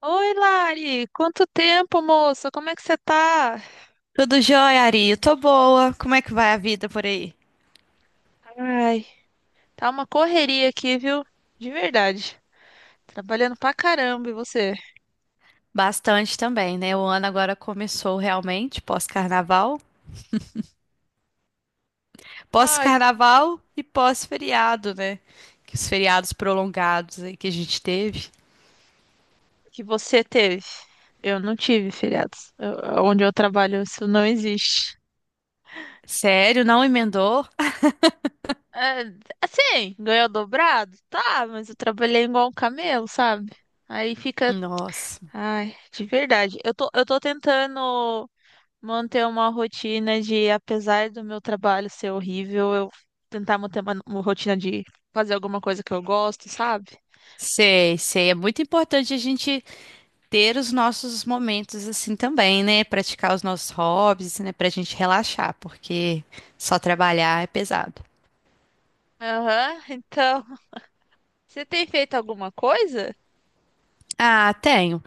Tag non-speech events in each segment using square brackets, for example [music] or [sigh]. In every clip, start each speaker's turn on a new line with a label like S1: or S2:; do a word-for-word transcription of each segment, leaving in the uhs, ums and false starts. S1: Oi, Lari! Quanto tempo, moça? Como é que você tá?
S2: Tudo jóia, Ari? Eu tô boa. Como é que vai a vida por aí?
S1: Ai, tá uma correria aqui, viu? De verdade. Trabalhando pra caramba, e você?
S2: Bastante também, né? O ano agora começou realmente, pós-carnaval.
S1: Ai, que,
S2: Pós-carnaval e pós-feriado, né? Que os feriados prolongados aí que a gente teve.
S1: que você teve? Eu não tive feriados. Eu- onde eu trabalho, isso não existe.
S2: Sério, não emendou?
S1: É, assim, ganhou dobrado? Tá, mas eu trabalhei igual um camelo, sabe? Aí fica.
S2: Nossa.
S1: Ai, de verdade. Eu tô, eu tô tentando. Manter uma rotina de, apesar do meu trabalho ser horrível, eu tentar manter uma, uma rotina de fazer alguma coisa que eu gosto, sabe?
S2: Sei, sei. É muito importante a gente ter os nossos momentos assim também, né? Praticar os nossos hobbies, né? Pra gente relaxar, porque só trabalhar é pesado.
S1: Aham, então, você tem feito alguma coisa?
S2: Ah, tenho.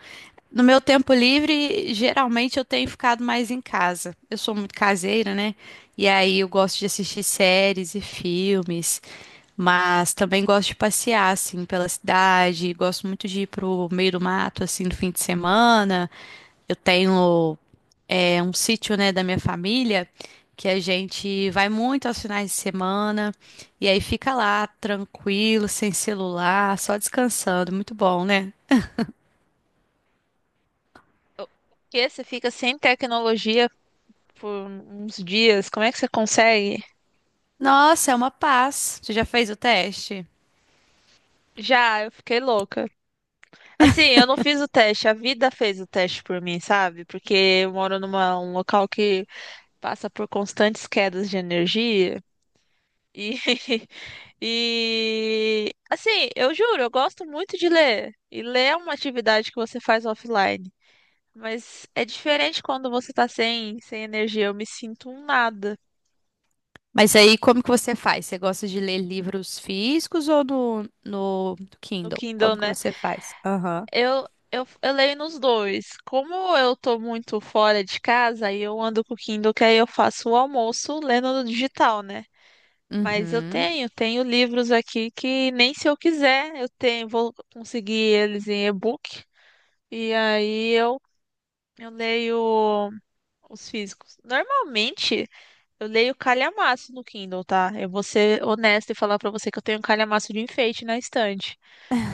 S2: No meu tempo livre, geralmente eu tenho ficado mais em casa. Eu sou muito caseira, né? E aí eu gosto de assistir séries e filmes, mas também gosto de passear, assim, pela cidade. Gosto muito de ir pro meio do mato, assim, no fim de semana. Eu tenho, é, um sítio, né, da minha família, que a gente vai muito aos finais de semana. E aí fica lá, tranquilo, sem celular, só descansando. Muito bom, né?
S1: O- Porque você fica sem tecnologia por uns dias, como é que você consegue?
S2: Nossa, é uma paz. Você já fez o teste?
S1: Já, eu fiquei louca. Assim, eu não fiz o teste, a vida fez o teste por mim, sabe? Porque eu moro numa um local que passa por constantes quedas de energia. E, [laughs] e assim, eu juro, eu gosto muito de ler. E ler é uma atividade que você faz offline. Mas é diferente quando você tá sem, sem energia. Eu me sinto um nada
S2: Mas aí, como que você faz? Você gosta de ler livros físicos ou no, no
S1: no
S2: Kindle?
S1: Kindle,
S2: Como que
S1: né?
S2: você faz? Aham.
S1: Eu, eu, eu leio nos dois. Como eu tô muito fora de casa, aí eu ando com o Kindle, que aí eu faço o almoço lendo no digital, né? Mas eu
S2: Uhum.
S1: tenho, tenho livros aqui que nem se eu quiser, eu tenho, vou conseguir eles em e-book. E aí eu Eu leio os físicos. Normalmente, eu leio calhamaço no Kindle, tá? Eu vou ser honesta e falar pra você que eu tenho um calhamaço de enfeite na estante.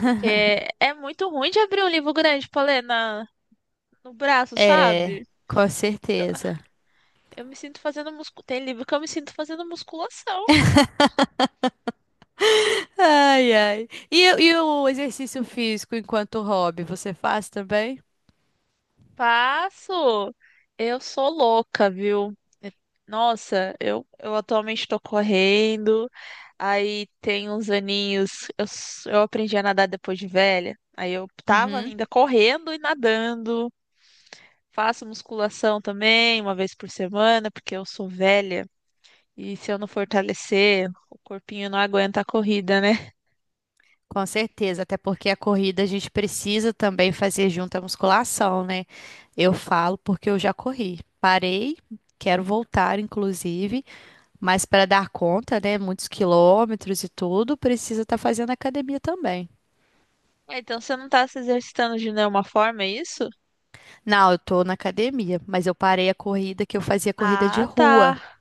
S1: Porque é muito ruim de abrir um livro grande pra ler na, no braço,
S2: É,
S1: sabe?
S2: com certeza.
S1: Eu me sinto fazendo musculação. Tem livro que eu me sinto fazendo musculação.
S2: Ai, ai. E, e o exercício físico enquanto hobby, você faz também?
S1: Passo, eu sou louca, viu? É- Nossa, eu, eu atualmente estou correndo. Aí tem uns aninhos. Eu, s- eu aprendi a nadar depois de velha. Aí eu tava
S2: Uhum.
S1: ainda correndo e nadando. Faço musculação também, uma vez por semana, porque eu sou velha. E se eu não fortalecer, o corpinho não aguenta a corrida, né?
S2: Com certeza, até porque a corrida a gente precisa também fazer junto a musculação, né? Eu falo porque eu já corri. Parei, quero voltar, inclusive, mas para dar conta, né, muitos quilômetros e tudo, precisa estar fazendo academia também.
S1: Ah, então você não tá se exercitando de nenhuma forma, é isso?
S2: Não, eu tô na academia, mas eu parei a corrida que eu fazia corrida de
S1: Ah,
S2: rua.
S1: tá.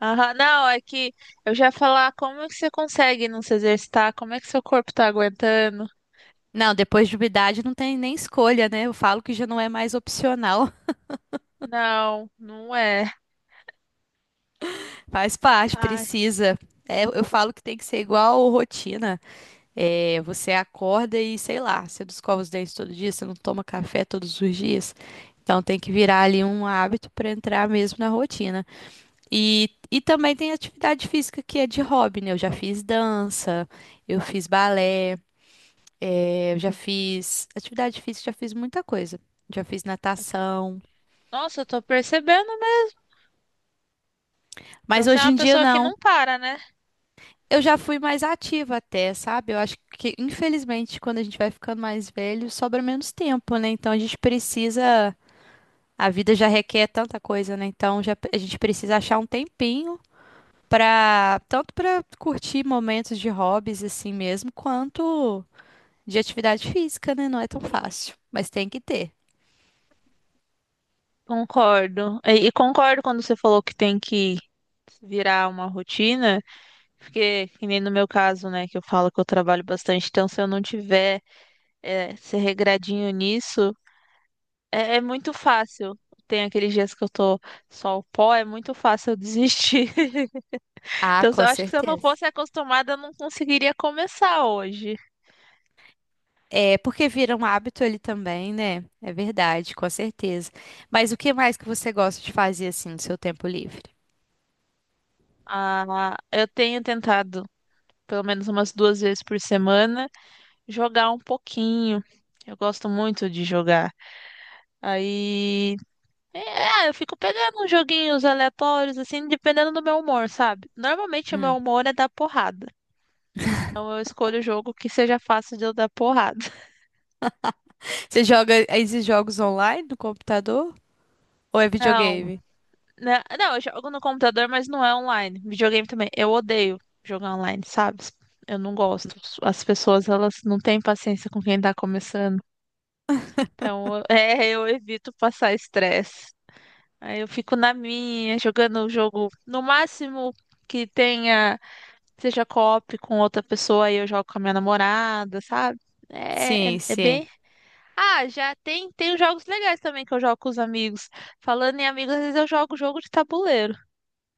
S1: Aham, não, é que eu já ia falar como é que você consegue não se exercitar, como é que seu corpo tá aguentando.
S2: Não, depois de uma idade não tem nem escolha, né? Eu falo que já não é mais opcional,
S1: Não, não é.
S2: [laughs] faz parte,
S1: Ai,
S2: precisa. É, eu falo que tem que ser igual rotina. É, você acorda e, sei lá, você não escova os dentes todo dia, você não toma café todos os dias. Então tem que virar ali um hábito para entrar mesmo na rotina. E, e também tem atividade física que é de hobby, né? Eu já fiz dança, eu fiz balé, é, eu já fiz atividade física, já fiz muita coisa. Já fiz natação,
S1: nossa, eu tô percebendo mesmo. Então
S2: mas
S1: você é
S2: hoje
S1: uma
S2: em dia
S1: pessoa que
S2: não.
S1: não para, né?
S2: Eu já fui mais ativa até, sabe? Eu acho que, infelizmente, quando a gente vai ficando mais velho, sobra menos tempo, né? Então a gente precisa. A vida já requer tanta coisa, né? Então já, a gente precisa achar um tempinho para tanto para curtir momentos de hobbies assim mesmo, quanto de atividade física, né? Não é tão fácil, mas tem que ter.
S1: Concordo. E, e concordo quando você falou que tem que virar uma rotina, porque que nem no meu caso, né, que eu falo que eu trabalho bastante, então se eu não tiver é, ser regradinho nisso, é, é muito fácil. Tem aqueles dias que eu tô só o pó, é muito fácil eu desistir. [laughs]
S2: Ah,
S1: Então, eu
S2: com
S1: acho que se eu não
S2: certeza.
S1: fosse acostumada, eu não conseguiria começar hoje.
S2: É porque vira um hábito ali também, né? É verdade, com certeza. Mas o que mais que você gosta de fazer assim no seu tempo livre?
S1: Ah, eu tenho tentado, pelo menos umas duas vezes por semana, jogar um pouquinho. Eu gosto muito de jogar. Aí, é, ah, eu fico pegando uns joguinhos aleatórios, assim, dependendo do meu humor, sabe? Normalmente o meu
S2: Hum.
S1: humor é dar porrada. Então eu escolho o jogo que seja fácil de eu dar porrada. [laughs]
S2: Você joga esses jogos online no computador ou é
S1: Não,
S2: videogame?
S1: né, não, eu jogo no computador, mas não é online. Videogame também. Eu odeio jogar online, sabe? Eu não gosto. As pessoas, elas não têm paciência com quem tá começando. Então, [laughs] eu- é, eu evito passar estresse. Aí eu fico na minha, jogando o jogo. No máximo que tenha, seja co-op com outra pessoa, aí eu jogo com a minha namorada, sabe? É, é,
S2: Sim,
S1: é
S2: sim.
S1: bem. Ah, já tem, tem os jogos legais também que eu jogo com os amigos. Falando em amigos, às vezes eu jogo jogo de tabuleiro.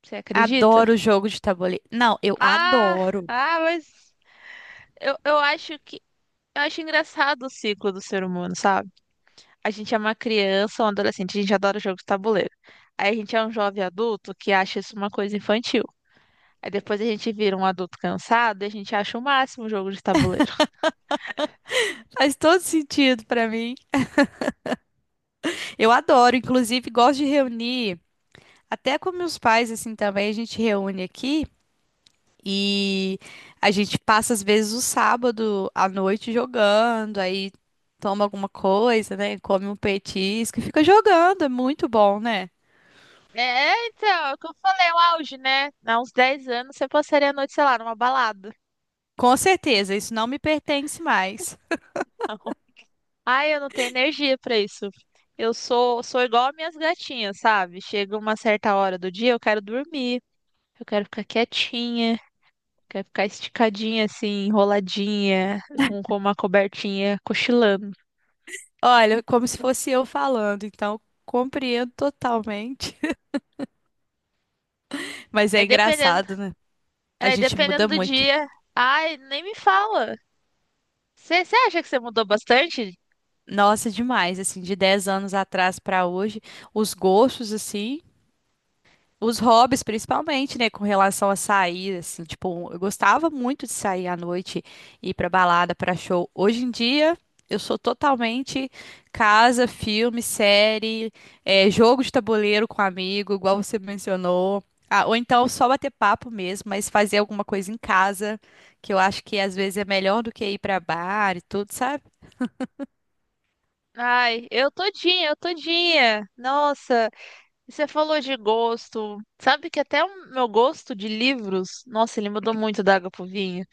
S1: Você acredita?
S2: Adoro jogo de tabuleiro. Não, eu
S1: Ah,
S2: adoro.
S1: ah, mas eu, eu acho que eu acho engraçado o ciclo do ser humano, sabe? A gente é uma criança, um adolescente, a gente adora jogo de tabuleiro. Aí a gente é um jovem adulto que acha isso uma coisa infantil. Aí depois a gente vira um adulto cansado e a gente acha o máximo o jogo de tabuleiro.
S2: Faz todo sentido pra mim. Eu adoro, inclusive gosto de reunir, até com meus pais assim também, a gente reúne aqui e a gente passa às vezes o sábado à noite jogando, aí toma alguma coisa, né? Come um petisco e fica jogando, é muito bom, né?
S1: É, então, é o que eu falei, o auge, né? Há uns dez anos você passaria a noite, sei lá, numa balada.
S2: Com certeza, isso não me pertence mais.
S1: [laughs] Ai, eu não tenho energia pra isso. Eu sou, sou igual as minhas gatinhas, sabe? Chega uma certa hora do dia, eu quero dormir. Eu quero ficar quietinha, quero ficar esticadinha, assim, enroladinha, com, com uma cobertinha, cochilando.
S2: Olha, como se fosse eu falando, então compreendo totalmente. [laughs] Mas é
S1: Aí dependendo,
S2: engraçado, né? A
S1: aí
S2: gente
S1: dependendo
S2: muda
S1: do
S2: muito.
S1: dia, ai, nem me fala. Você acha que você mudou bastante?
S2: Nossa, demais, assim, de dez anos atrás pra hoje, os gostos, assim, os hobbies principalmente, né, com relação a sair, assim, tipo, eu gostava muito de sair à noite, ir pra balada, pra show. Hoje em dia, eu sou totalmente casa, filme, série, eh, jogo de tabuleiro com amigo, igual você mencionou. Ah, ou então só bater papo mesmo, mas fazer alguma coisa em casa, que eu acho que às vezes é melhor do que ir pra bar e tudo, sabe?
S1: Ai, eu todinha, eu todinha. Nossa, e você falou de gosto. Sabe que até o meu gosto de livros, nossa, ele mudou muito da água pro vinho.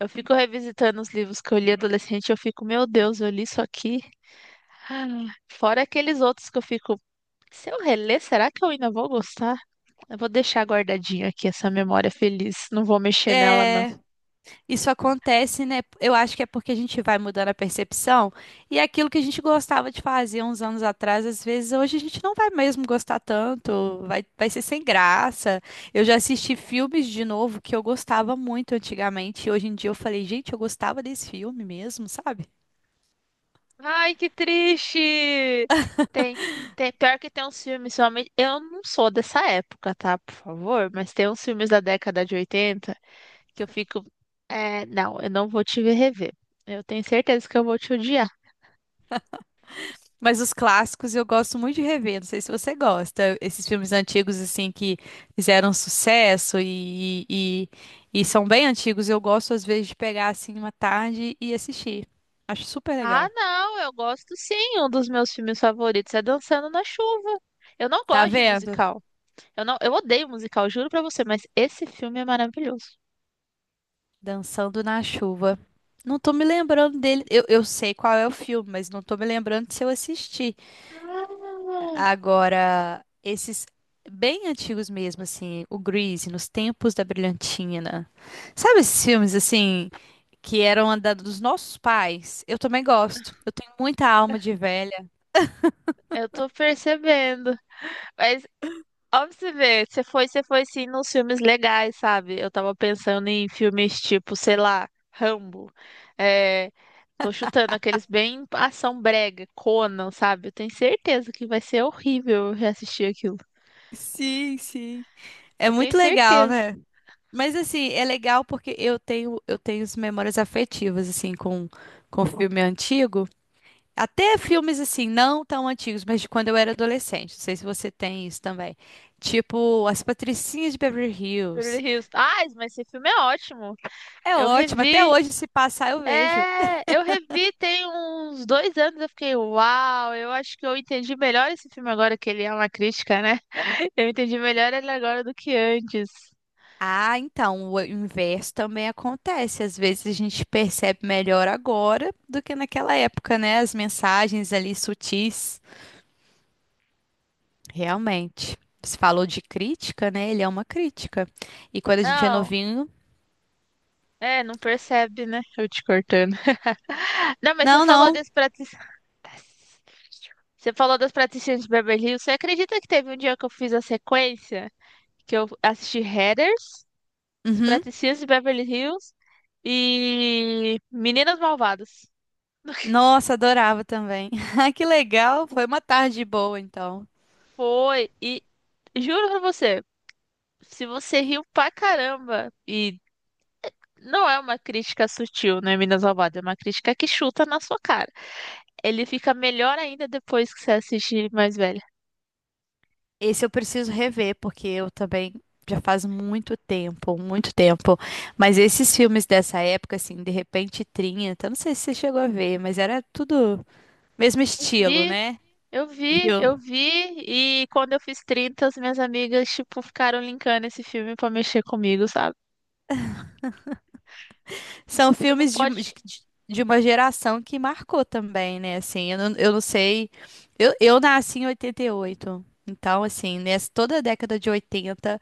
S1: Eu fico revisitando os livros que eu li adolescente, eu fico, meu Deus, eu li isso aqui. Ah, fora aqueles outros que eu fico, se eu reler, será que eu ainda vou gostar? Eu vou deixar guardadinho aqui essa memória feliz, não vou mexer nela não.
S2: É, isso acontece, né? Eu acho que é porque a gente vai mudando a percepção e é aquilo que a gente gostava de fazer uns anos atrás, às vezes hoje a gente não vai mesmo gostar tanto, vai, vai ser sem graça. Eu já assisti filmes de novo que eu gostava muito antigamente e hoje em dia eu falei, gente, eu gostava desse filme mesmo, sabe?
S1: Ai, que triste! Tem, tem, Pior que tem uns filmes, somente, eu não sou dessa época, tá? Por favor, mas tem uns filmes da década de oitenta que eu fico, é, não, eu não vou te ver rever. Eu tenho certeza que eu vou te odiar.
S2: Mas os clássicos eu gosto muito de rever. Não sei se você gosta. Esses filmes antigos, assim, que fizeram sucesso e, e, e são bem antigos, eu gosto, às vezes, de pegar, assim, uma tarde e assistir. Acho super
S1: Ah,
S2: legal.
S1: não, eu gosto sim. Um dos meus filmes favoritos é Dançando na Chuva. Eu não
S2: Tá
S1: gosto de
S2: vendo?
S1: musical. Eu não, eu odeio musical, juro pra você, mas esse filme é maravilhoso.
S2: Dançando na chuva. Não tô me lembrando dele. Eu, eu sei qual é o filme, mas não tô me lembrando de se eu assisti.
S1: Ah,
S2: Agora, esses bem antigos mesmo, assim, o Grease, Nos Tempos da Brilhantina. Sabe esses filmes, assim que eram a da- dos nossos pais, eu também gosto. Eu tenho muita alma de velha.
S1: eu tô percebendo. Mas, ó, pra você ver, você foi, você foi sim nos filmes legais, sabe? Eu tava pensando em filmes tipo, sei lá, Rambo. É, tô chutando aqueles bem ação brega, Conan, sabe? Eu tenho certeza que vai ser horrível reassistir aquilo.
S2: Sim, sim. É
S1: Eu tenho
S2: muito legal,
S1: certeza.
S2: né? Mas assim, é legal porque eu tenho eu tenho as memórias afetivas assim com com filme antigo, até filmes assim não tão antigos, mas de quando eu era adolescente. Não sei se você tem isso também. Tipo As Patricinhas de Beverly
S1: Beverly
S2: Hills.
S1: Hills. Ah, mas esse filme é ótimo.
S2: É
S1: Eu
S2: ótimo, até
S1: revi.
S2: hoje se passar eu vejo.
S1: É, eu revi tem uns dois anos. Eu fiquei, uau, eu acho que eu entendi melhor esse filme agora, que ele é uma crítica, né? [laughs] Eu entendi melhor ele agora do que antes.
S2: Ah, então, o inverso também acontece. Às vezes a gente percebe melhor agora do que naquela época, né? As mensagens ali sutis. Realmente. Você falou de crítica, né? Ele é uma crítica. E quando a gente é
S1: Não,
S2: novinho.
S1: é, não percebe, né? Eu te cortando. [laughs] Não, mas você
S2: Não,
S1: falou
S2: não.
S1: das praticidades. Você falou das praticidades de Beverly Hills. Você acredita que teve um dia que eu fiz a sequência? Que eu assisti Heather? Os
S2: Uhum.
S1: Praticinhas de Beverly Hills e Meninas Malvadas. [laughs]
S2: Nossa, adorava também. [laughs] Ah, que legal. Foi uma tarde boa, então.
S1: Foi, e juro pra você, se você riu pra caramba, e não é uma crítica sutil, né, Meninas Malvadas, é uma crítica que chuta na sua cara. Ele fica melhor ainda depois que você assiste mais velha.
S2: Esse eu preciso rever, porque eu também já faz muito tempo, muito tempo. Mas esses filmes dessa época, assim, de repente trinta, não sei se você chegou a ver, mas era tudo mesmo
S1: Eu
S2: estilo,
S1: vi,
S2: né?
S1: eu vi, eu
S2: Viu?
S1: vi, e quando eu fiz trinta, as minhas amigas, tipo, ficaram linkando esse filme pra mexer comigo, sabe?
S2: São
S1: Você não
S2: filmes de, de,
S1: pode.
S2: de uma geração que marcou também, né? Assim, eu não, eu não sei. Eu, eu nasci em oitenta e oito. Então, assim, nessa, toda a década de oitenta,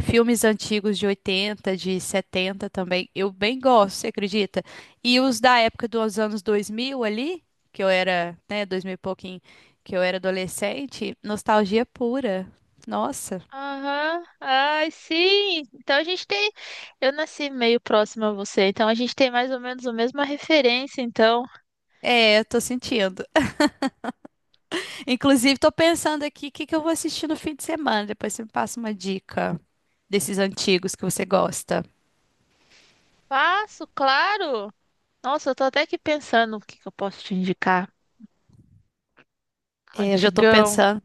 S2: filmes antigos de oitenta, de setenta também, eu bem gosto, você acredita? E os da época dos anos dois mil ali, que eu era, né, dois mil e pouquinho, que eu era adolescente, nostalgia pura. Nossa.
S1: Aham, ai, sim. Então a gente tem. Eu nasci meio próximo a você, então a gente tem mais ou menos a mesma referência, então.
S2: É, eu tô sentindo. Inclusive, tô pensando aqui o que que eu vou assistir no fim de semana. Depois você me passa uma dica desses antigos que você gosta.
S1: Faço, claro! Nossa, eu tô até aqui pensando o que que eu posso te indicar.
S2: É, eu já tô
S1: Antigão,
S2: pensando.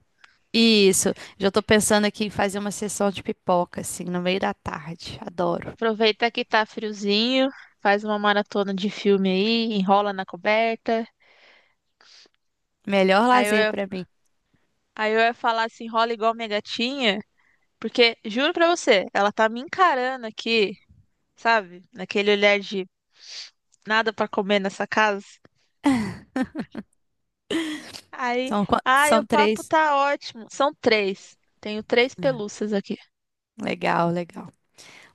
S2: Isso, já tô pensando aqui em fazer uma sessão de pipoca, assim, no meio da tarde. Adoro.
S1: aproveita que tá friozinho, faz uma maratona de filme aí, enrola na coberta.
S2: Melhor
S1: Aí eu,
S2: lazer
S1: ia-
S2: pra mim.
S1: aí eu ia falar assim, enrola igual minha gatinha, porque juro pra você, ela tá me encarando aqui, sabe? Naquele olhar de nada pra comer nessa casa. Aí,
S2: São, qua-
S1: ai, o
S2: são
S1: papo
S2: três.
S1: tá ótimo. São três. Tenho três pelúcias aqui.
S2: Legal, legal.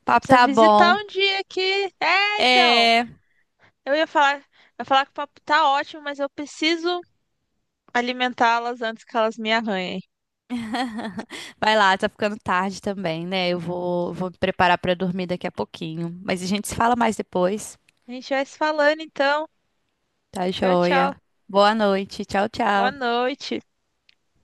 S2: O
S1: Você
S2: papo
S1: precisa
S2: tá
S1: visitar
S2: bom.
S1: um dia aqui. É, então.
S2: É.
S1: Eu ia falar, eu ia falar que o papo tá ótimo, mas eu preciso alimentá-las antes que elas me arranhem.
S2: [laughs] Vai lá, tá ficando tarde também, né? Eu vou, vou me preparar pra dormir daqui a pouquinho. Mas a gente se fala mais depois.
S1: A gente vai se falando, então.
S2: Tá
S1: Tchau,
S2: joia.
S1: tchau.
S2: Boa noite. Tchau,
S1: Boa
S2: tchau.
S1: noite.